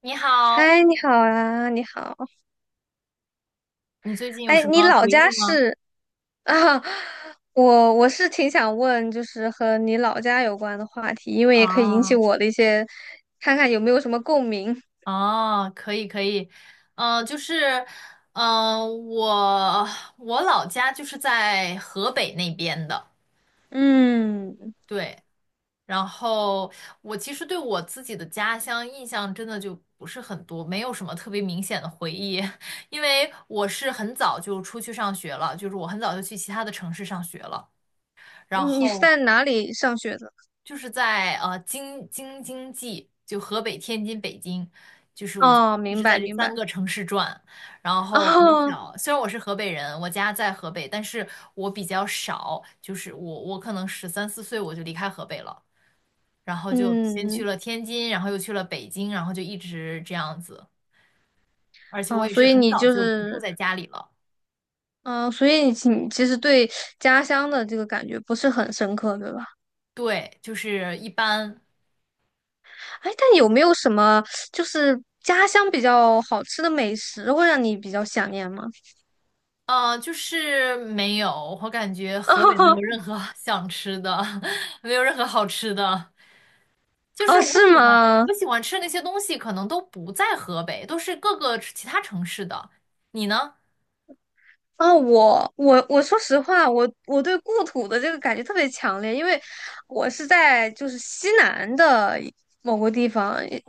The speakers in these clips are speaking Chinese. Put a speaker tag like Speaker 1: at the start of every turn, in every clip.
Speaker 1: 你好，
Speaker 2: 嗨，你好啊，你好。
Speaker 1: 你最近有
Speaker 2: 哎，
Speaker 1: 什
Speaker 2: 你
Speaker 1: 么
Speaker 2: 老
Speaker 1: 回
Speaker 2: 家
Speaker 1: 忆吗？
Speaker 2: 是 啊？我是挺想问，就是和你老家有关的话题，因为也可以引起
Speaker 1: 啊
Speaker 2: 我的一些，看看有没有什么共鸣。
Speaker 1: 啊，可以可以，就是，嗯、我我老家就是在河北那边的，
Speaker 2: 嗯，
Speaker 1: 对，然后我其实对我自己的家乡印象真的就不是很多，没有什么特别明显的回忆，因为我是很早就出去上学了，就是我很早就去其他的城市上学了，
Speaker 2: 你
Speaker 1: 然
Speaker 2: 你是
Speaker 1: 后
Speaker 2: 在哪里上学的？
Speaker 1: 就是在京津冀，就河北、天津、北京，就是我就
Speaker 2: 哦，
Speaker 1: 一
Speaker 2: 明
Speaker 1: 直在
Speaker 2: 白
Speaker 1: 这
Speaker 2: 明
Speaker 1: 三
Speaker 2: 白。
Speaker 1: 个城市转。然后很
Speaker 2: 哦，
Speaker 1: 小，虽然我是河北人，我家在河北，但是我比较少，就是我可能十三四岁我就离开河北了，然后就先去
Speaker 2: 嗯，
Speaker 1: 了天津，然后又去了北京，然后就一直这样子。而且我
Speaker 2: 哦，
Speaker 1: 也
Speaker 2: 所
Speaker 1: 是
Speaker 2: 以
Speaker 1: 很
Speaker 2: 你
Speaker 1: 早
Speaker 2: 就
Speaker 1: 就不住
Speaker 2: 是，
Speaker 1: 在家里了，
Speaker 2: 嗯、所以你其实对家乡的这个感觉不是很深刻，对吧？
Speaker 1: 对，就是一般
Speaker 2: 哎，但有没有什么就是家乡比较好吃的美食会让你比较想念吗？
Speaker 1: 就是没有，我感觉河北没有 任何 想吃的，没有任何好吃的。就是
Speaker 2: 哦，
Speaker 1: 我
Speaker 2: 是
Speaker 1: 喜欢
Speaker 2: 吗？
Speaker 1: 我喜欢吃的那些东西，可能都不在河北，都是各个其他城市的。你呢？
Speaker 2: 啊，我说实话，我对故土的这个感觉特别强烈，因为我是在就是西南的某个地方，你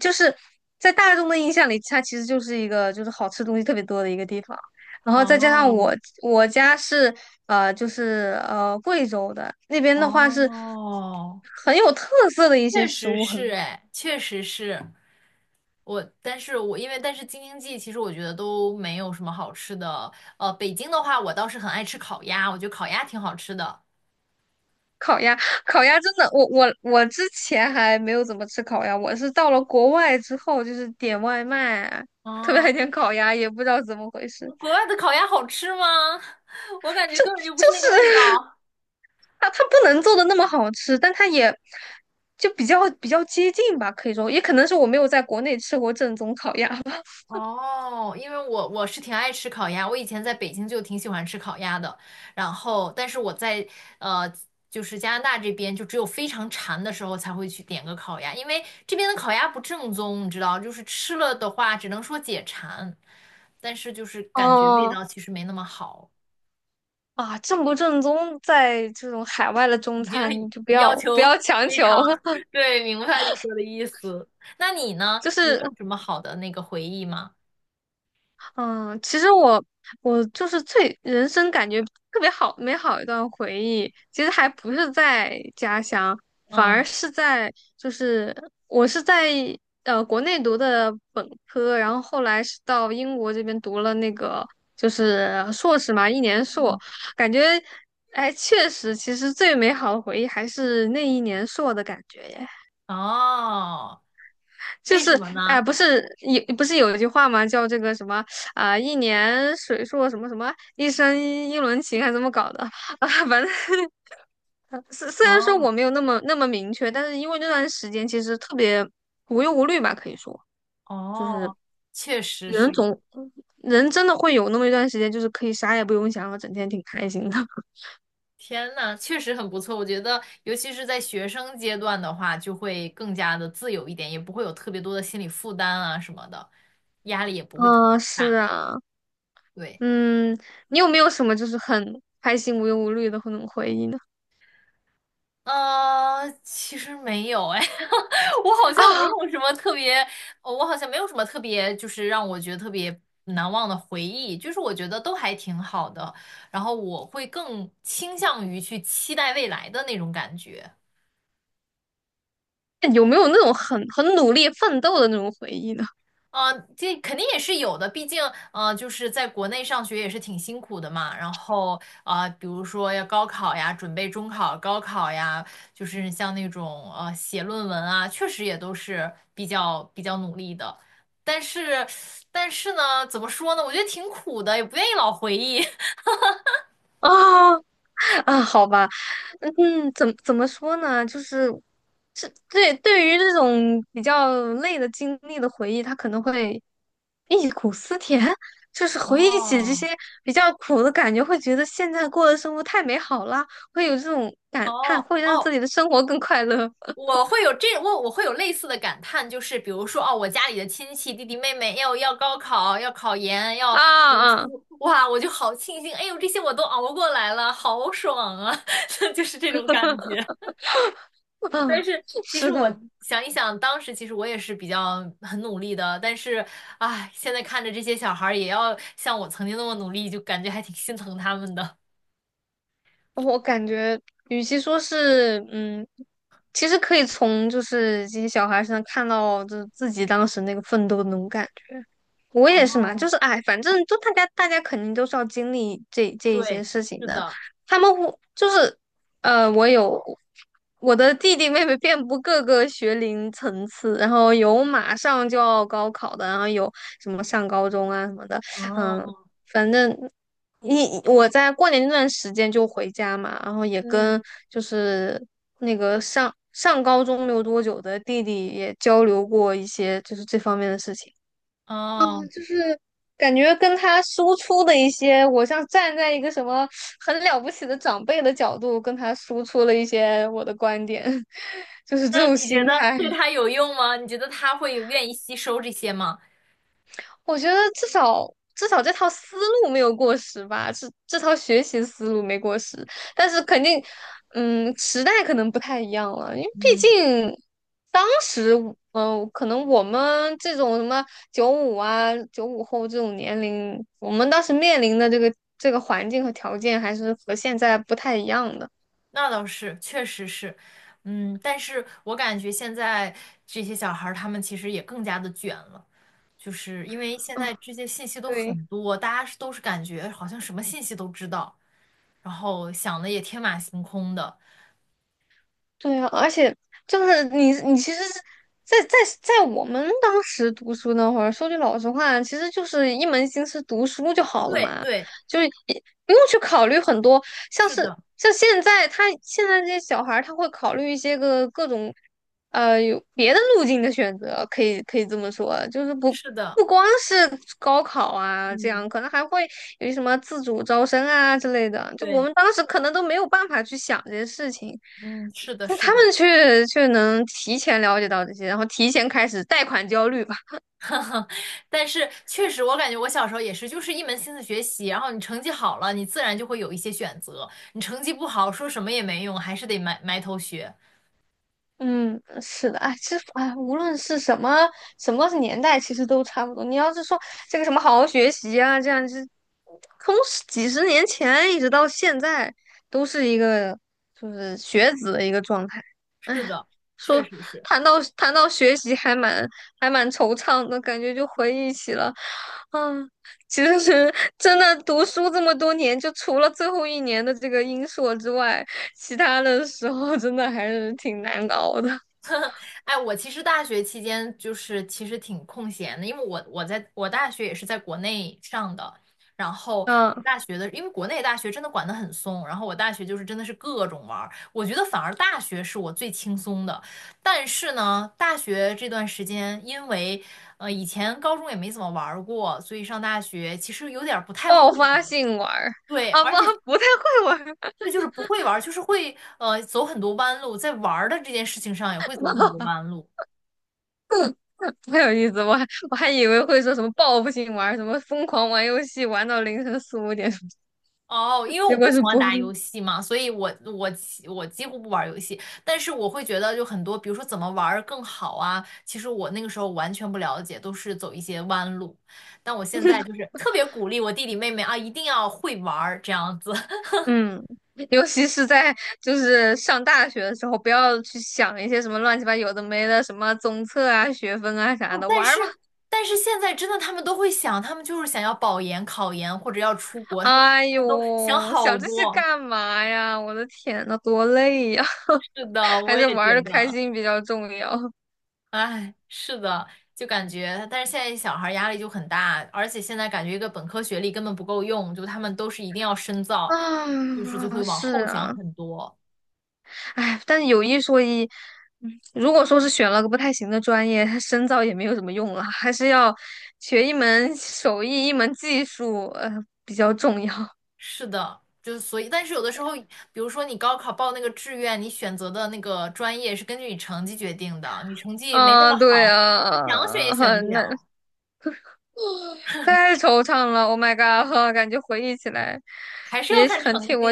Speaker 2: 就是在大众的印象里，它其实就是一个就是好吃东西特别多的一个地方。然后再加上
Speaker 1: 哦
Speaker 2: 我家是就是贵州的那边的话是
Speaker 1: 哦，
Speaker 2: 很有特色的一些
Speaker 1: 确
Speaker 2: 食
Speaker 1: 实
Speaker 2: 物
Speaker 1: 是，
Speaker 2: 很
Speaker 1: 哎，确实是我，但是我因为但是京津冀，其实我觉得都没有什么好吃的。北京的话，我倒是很爱吃烤鸭，我觉得烤鸭挺好吃的。
Speaker 2: 烤鸭，烤鸭真的，我之前还没有怎么吃烤鸭，我是到了国外之后，就是点外卖啊，特别
Speaker 1: 哦，
Speaker 2: 爱点烤鸭，也不知道怎么回事，
Speaker 1: 国外的烤鸭好吃吗？我感觉
Speaker 2: 就
Speaker 1: 根本就不
Speaker 2: 就
Speaker 1: 是那个味
Speaker 2: 是
Speaker 1: 道。
Speaker 2: 它不能做的那么好吃，但它也就比较接近吧，可以说，也可能是我没有在国内吃过正宗烤鸭吧。
Speaker 1: 哦，因为我是挺爱吃烤鸭，我以前在北京就挺喜欢吃烤鸭的，然后但是我在呃就是加拿大这边就只有非常馋的时候才会去点个烤鸭，因为这边的烤鸭不正宗，你知道，就是吃了的话只能说解馋，但是就是感觉味
Speaker 2: 哦
Speaker 1: 道其实没那么好。
Speaker 2: 啊，正不正宗，在这种海外的中
Speaker 1: 已经很
Speaker 2: 餐，你就不
Speaker 1: 要
Speaker 2: 要不
Speaker 1: 求
Speaker 2: 要强
Speaker 1: 非
Speaker 2: 求，
Speaker 1: 常 对，明白你说的意思。那你呢？
Speaker 2: 就
Speaker 1: 你有
Speaker 2: 是
Speaker 1: 什么好的那个回忆吗？
Speaker 2: 嗯，其实我就是最人生感觉特别好美好一段回忆，其实还不是在家乡，反而
Speaker 1: 嗯
Speaker 2: 是在就是我是在国内读的本科，然后后来是到英国这边读了那个就是硕士嘛，一年硕，
Speaker 1: 嗯，
Speaker 2: 感觉哎确实，其实最美好的回忆还是那一年硕的感觉耶。
Speaker 1: 哦，
Speaker 2: 就
Speaker 1: 为什
Speaker 2: 是
Speaker 1: 么呢？
Speaker 2: 不是有一句话吗？叫这个什么一年水硕什么什么，一生一轮情，还怎么搞的？啊，反正虽然说
Speaker 1: 哦
Speaker 2: 我没有那么那么明确，但是因为那段时间其实特别无忧无虑吧，可以说就是
Speaker 1: 哦，确实
Speaker 2: 人
Speaker 1: 是，
Speaker 2: 总人真的会有那么一段时间，就是可以啥也不用想，然后整天挺开心的。
Speaker 1: 天呐，确实很不错。我觉得，尤其是在学生阶段的话，就会更加的自由一点，也不会有特别多的心理负担啊什么的，压力也不会特别。
Speaker 2: 嗯，是啊，
Speaker 1: 对。
Speaker 2: 嗯，你有没有什么就是很开心无忧无虑的那种回忆呢？
Speaker 1: 其实没有哎，我好 像没
Speaker 2: 啊，
Speaker 1: 有什么特别，呃我好像没有什么特别，就是让我觉得特别难忘的回忆，就是我觉得都还挺好的，然后我会更倾向于去期待未来的那种感觉。
Speaker 2: 有没有那种很努力奋斗的那种回忆呢？
Speaker 1: 啊，这肯定也是有的，毕竟，就是在国内上学也是挺辛苦的嘛。然后，比如说要高考呀，准备中考、高考呀，就是像那种写论文啊，确实也都是比较努力的。但是，但是呢，怎么说呢？我觉得挺苦的，也不愿意老回忆。
Speaker 2: 啊 啊，好吧，嗯，嗯怎么说呢？就是是对于这种比较累的经历的回忆，他可能会忆苦思甜，就是回忆起这
Speaker 1: 哦，
Speaker 2: 些比较苦的感觉，会觉得现在过的生活太美好了，会有这种感叹，
Speaker 1: 哦
Speaker 2: 会让自
Speaker 1: 哦，
Speaker 2: 己的生活更快乐。
Speaker 1: 我会有类似的感叹，就是比如说哦，我家里的亲戚弟弟妹妹要高考，要考研，要
Speaker 2: 啊
Speaker 1: 读
Speaker 2: 啊
Speaker 1: 书，哇，我就好庆幸，哎呦，这些我都熬过来了，好爽啊，就是这种感觉。但
Speaker 2: 啊，
Speaker 1: 是其实
Speaker 2: 是
Speaker 1: 我
Speaker 2: 的。
Speaker 1: 想一想，当时其实我也是比较很努力的，但是唉，现在看着这些小孩儿也要像我曾经那么努力，就感觉还挺心疼他们的。
Speaker 2: 哦我感觉，与其说是，嗯，其实可以从就是这些小孩身上看到，就是自己当时那个奋斗的那种感觉。我也是嘛，
Speaker 1: 哦，
Speaker 2: 就是哎，反正就大家肯定都是要经历这一些
Speaker 1: 对，
Speaker 2: 事情
Speaker 1: 是
Speaker 2: 的。
Speaker 1: 的，
Speaker 2: 他们会就是，呃，我有我的弟弟妹妹遍布各个学龄层次，然后有马上就要高考的，然后有什么上高中啊什么的，嗯，
Speaker 1: 哦，
Speaker 2: 反正。我在过年那段时间就回家嘛，然后也
Speaker 1: 嗯，
Speaker 2: 跟就是那个上高中没有多久的弟弟也交流过一些就是这方面的事情。
Speaker 1: 哦。
Speaker 2: 嗯，就是感觉跟他输出的一些，我像站在一个什么很了不起的长辈的角度，跟他输出了一些我的观点，就是这
Speaker 1: 那
Speaker 2: 种
Speaker 1: 你觉
Speaker 2: 心
Speaker 1: 得
Speaker 2: 态。
Speaker 1: 对他有用吗？你觉得他会有愿意吸收这些吗？
Speaker 2: 我觉得至少这套思路没有过时吧，这套学习思路没过时，但是肯定，嗯，时代可能不太一样了，因为毕
Speaker 1: 嗯，
Speaker 2: 竟当时，可能我们这种什么九五95后这种年龄，我们当时面临的这个环境和条件还是和现在不太一样的。
Speaker 1: 那倒是，确实是，嗯，但是我感觉现在这些小孩儿他们其实也更加的卷了，就是因为现
Speaker 2: 嗯，
Speaker 1: 在这些信息都
Speaker 2: 对。
Speaker 1: 很多，大家是都是感觉好像什么信息都知道，然后想的也天马行空的。
Speaker 2: 对啊，而且就是你，你其实是在我们当时读书那会儿，说句老实话，其实就是一门心思读书就好了
Speaker 1: 对
Speaker 2: 嘛，
Speaker 1: 对，
Speaker 2: 就是也不用去考虑很多，像
Speaker 1: 是
Speaker 2: 是
Speaker 1: 的，
Speaker 2: 像现在他现在这些小孩儿他会考虑一些个各种呃有别的路径的选择，可以这么说，就是不。
Speaker 1: 是的，
Speaker 2: 不光是高考啊，这
Speaker 1: 嗯，
Speaker 2: 样可能还会有什么自主招生啊之类的。就我
Speaker 1: 对，
Speaker 2: 们当时可能都没有办法去想这些事情。
Speaker 1: 嗯，是的，
Speaker 2: 那
Speaker 1: 是
Speaker 2: 他
Speaker 1: 的。
Speaker 2: 们却能提前了解到这些，然后提前开始贷款焦虑吧。
Speaker 1: 但是确实，我感觉我小时候也是，就是一门心思学习，然后你成绩好了，你自然就会有一些选择；你成绩不好，说什么也没用，还是得埋头学。
Speaker 2: 嗯，是的，哎，其实哎，无论是什么什么年代，其实都差不多。你要是说这个什么好好学习啊，这样就是从十几十年前一直到现在，都是一个就是学子的一个状态。
Speaker 1: 是
Speaker 2: 哎，
Speaker 1: 的，确
Speaker 2: 说
Speaker 1: 实是。
Speaker 2: 谈到学习，还蛮惆怅的感觉，就回忆起了嗯，其实真的读书这么多年，就除了最后一年的这个英硕之外，其他的时候真的还是挺难熬的。
Speaker 1: 哎，我其实大学期间就是其实挺空闲的，因为我在我大学也是在国内上的，然后我
Speaker 2: 嗯，
Speaker 1: 大学的，因为国内大学真的管得很松，然后我大学就是真的是各种玩儿，我觉得反而大学是我最轻松的，但是呢，大学这段时间因为以前高中也没怎么玩儿过，所以上大学其实有点儿不太会
Speaker 2: 爆
Speaker 1: 玩
Speaker 2: 发
Speaker 1: 儿。
Speaker 2: 性玩儿
Speaker 1: 对，
Speaker 2: 啊，不，
Speaker 1: 而且
Speaker 2: 不太会玩儿，
Speaker 1: 这就是不会玩儿，就是会走很多弯路，在玩儿的这件事情上也会走很多弯路。
Speaker 2: 不太有意思。我还以为会说什么报复性玩儿，什么疯狂玩游戏玩到凌晨四五点，
Speaker 1: 哦，因 为
Speaker 2: 结
Speaker 1: 我不
Speaker 2: 果
Speaker 1: 喜
Speaker 2: 是
Speaker 1: 欢
Speaker 2: 不会。
Speaker 1: 打游戏嘛，所以我几乎不玩游戏，但是我会觉得就很多，比如说怎么玩儿更好啊，其实我那个时候完全不了解，都是走一些弯路，但我现在就是特别鼓励我弟弟妹妹啊，一定要会玩儿这样子。
Speaker 2: 嗯，尤其是在就是上大学的时候，不要去想一些什么乱七八有的没的，什么综测啊、学分啊啥
Speaker 1: 哦，
Speaker 2: 的，
Speaker 1: 但
Speaker 2: 玩儿
Speaker 1: 是
Speaker 2: 吧。
Speaker 1: 但是现在真的他们都会想，他们就是想要保研、考研或者要出国，他们
Speaker 2: 哎
Speaker 1: 都想
Speaker 2: 呦，
Speaker 1: 好
Speaker 2: 想这些
Speaker 1: 多。
Speaker 2: 干嘛呀？我的天呐，多累呀！
Speaker 1: 是的，
Speaker 2: 还
Speaker 1: 我
Speaker 2: 是
Speaker 1: 也
Speaker 2: 玩
Speaker 1: 觉
Speaker 2: 的开
Speaker 1: 得。
Speaker 2: 心比较重要。
Speaker 1: 哎，是的，就感觉，但是现在小孩儿压力就很大，而且现在感觉一个本科学历根本不够用，就他们都是一定要深造，就是就会
Speaker 2: 啊，
Speaker 1: 往
Speaker 2: 是
Speaker 1: 后想
Speaker 2: 啊，
Speaker 1: 很多。
Speaker 2: 哎，但有一说一，嗯如果说是选了个不太行的专业，它深造也没有什么用了，还是要学一门手艺，一门技术，呃，比较重要。
Speaker 1: 是的，就是所以，但是有的时候，比如说你高考报那个志愿，你选择的那个专业是根据你成绩决定的，你成绩没那
Speaker 2: 啊，
Speaker 1: 么
Speaker 2: 对
Speaker 1: 好，你想选也
Speaker 2: 啊，
Speaker 1: 选不
Speaker 2: 很难，
Speaker 1: 了，
Speaker 2: 太惆怅了。Oh my god，感觉回忆起来
Speaker 1: 还是要
Speaker 2: 也
Speaker 1: 看
Speaker 2: 很替
Speaker 1: 成绩。
Speaker 2: 我。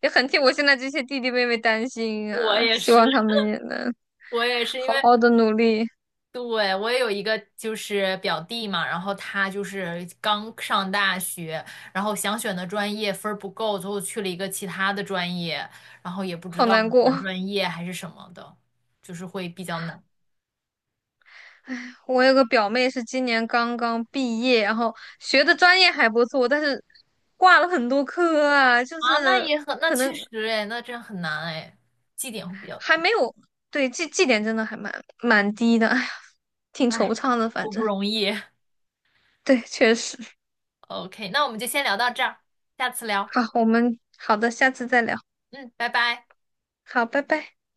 Speaker 2: 也很替我现在这些弟弟妹妹担心
Speaker 1: 我
Speaker 2: 啊，
Speaker 1: 也
Speaker 2: 希
Speaker 1: 是，
Speaker 2: 望他们也能
Speaker 1: 我也是，因
Speaker 2: 好
Speaker 1: 为
Speaker 2: 好的努力。
Speaker 1: 对，我也有一个就是表弟嘛，然后他就是刚上大学，然后想选的专业分儿不够，最后去了一个其他的专业，然后也不知
Speaker 2: 好
Speaker 1: 道
Speaker 2: 难过，
Speaker 1: 转专业还是什么的，就是会比较难
Speaker 2: 我有个表妹是今年刚刚毕业，然后学的专业还不错，但是挂了很多科啊，就
Speaker 1: 啊。那
Speaker 2: 是
Speaker 1: 也很，那
Speaker 2: 可
Speaker 1: 确
Speaker 2: 能
Speaker 1: 实哎，那真很难哎，绩点会比较
Speaker 2: 还
Speaker 1: 低，
Speaker 2: 没有，对，绩点真的还蛮低的，哎呀，挺惆
Speaker 1: 哎，
Speaker 2: 怅的，反
Speaker 1: 都不
Speaker 2: 正
Speaker 1: 容易。
Speaker 2: 对，确实。
Speaker 1: OK，那我们就先聊到这儿，下次聊，
Speaker 2: 好，好的，下次再聊，
Speaker 1: 嗯，拜拜。
Speaker 2: 好，拜拜。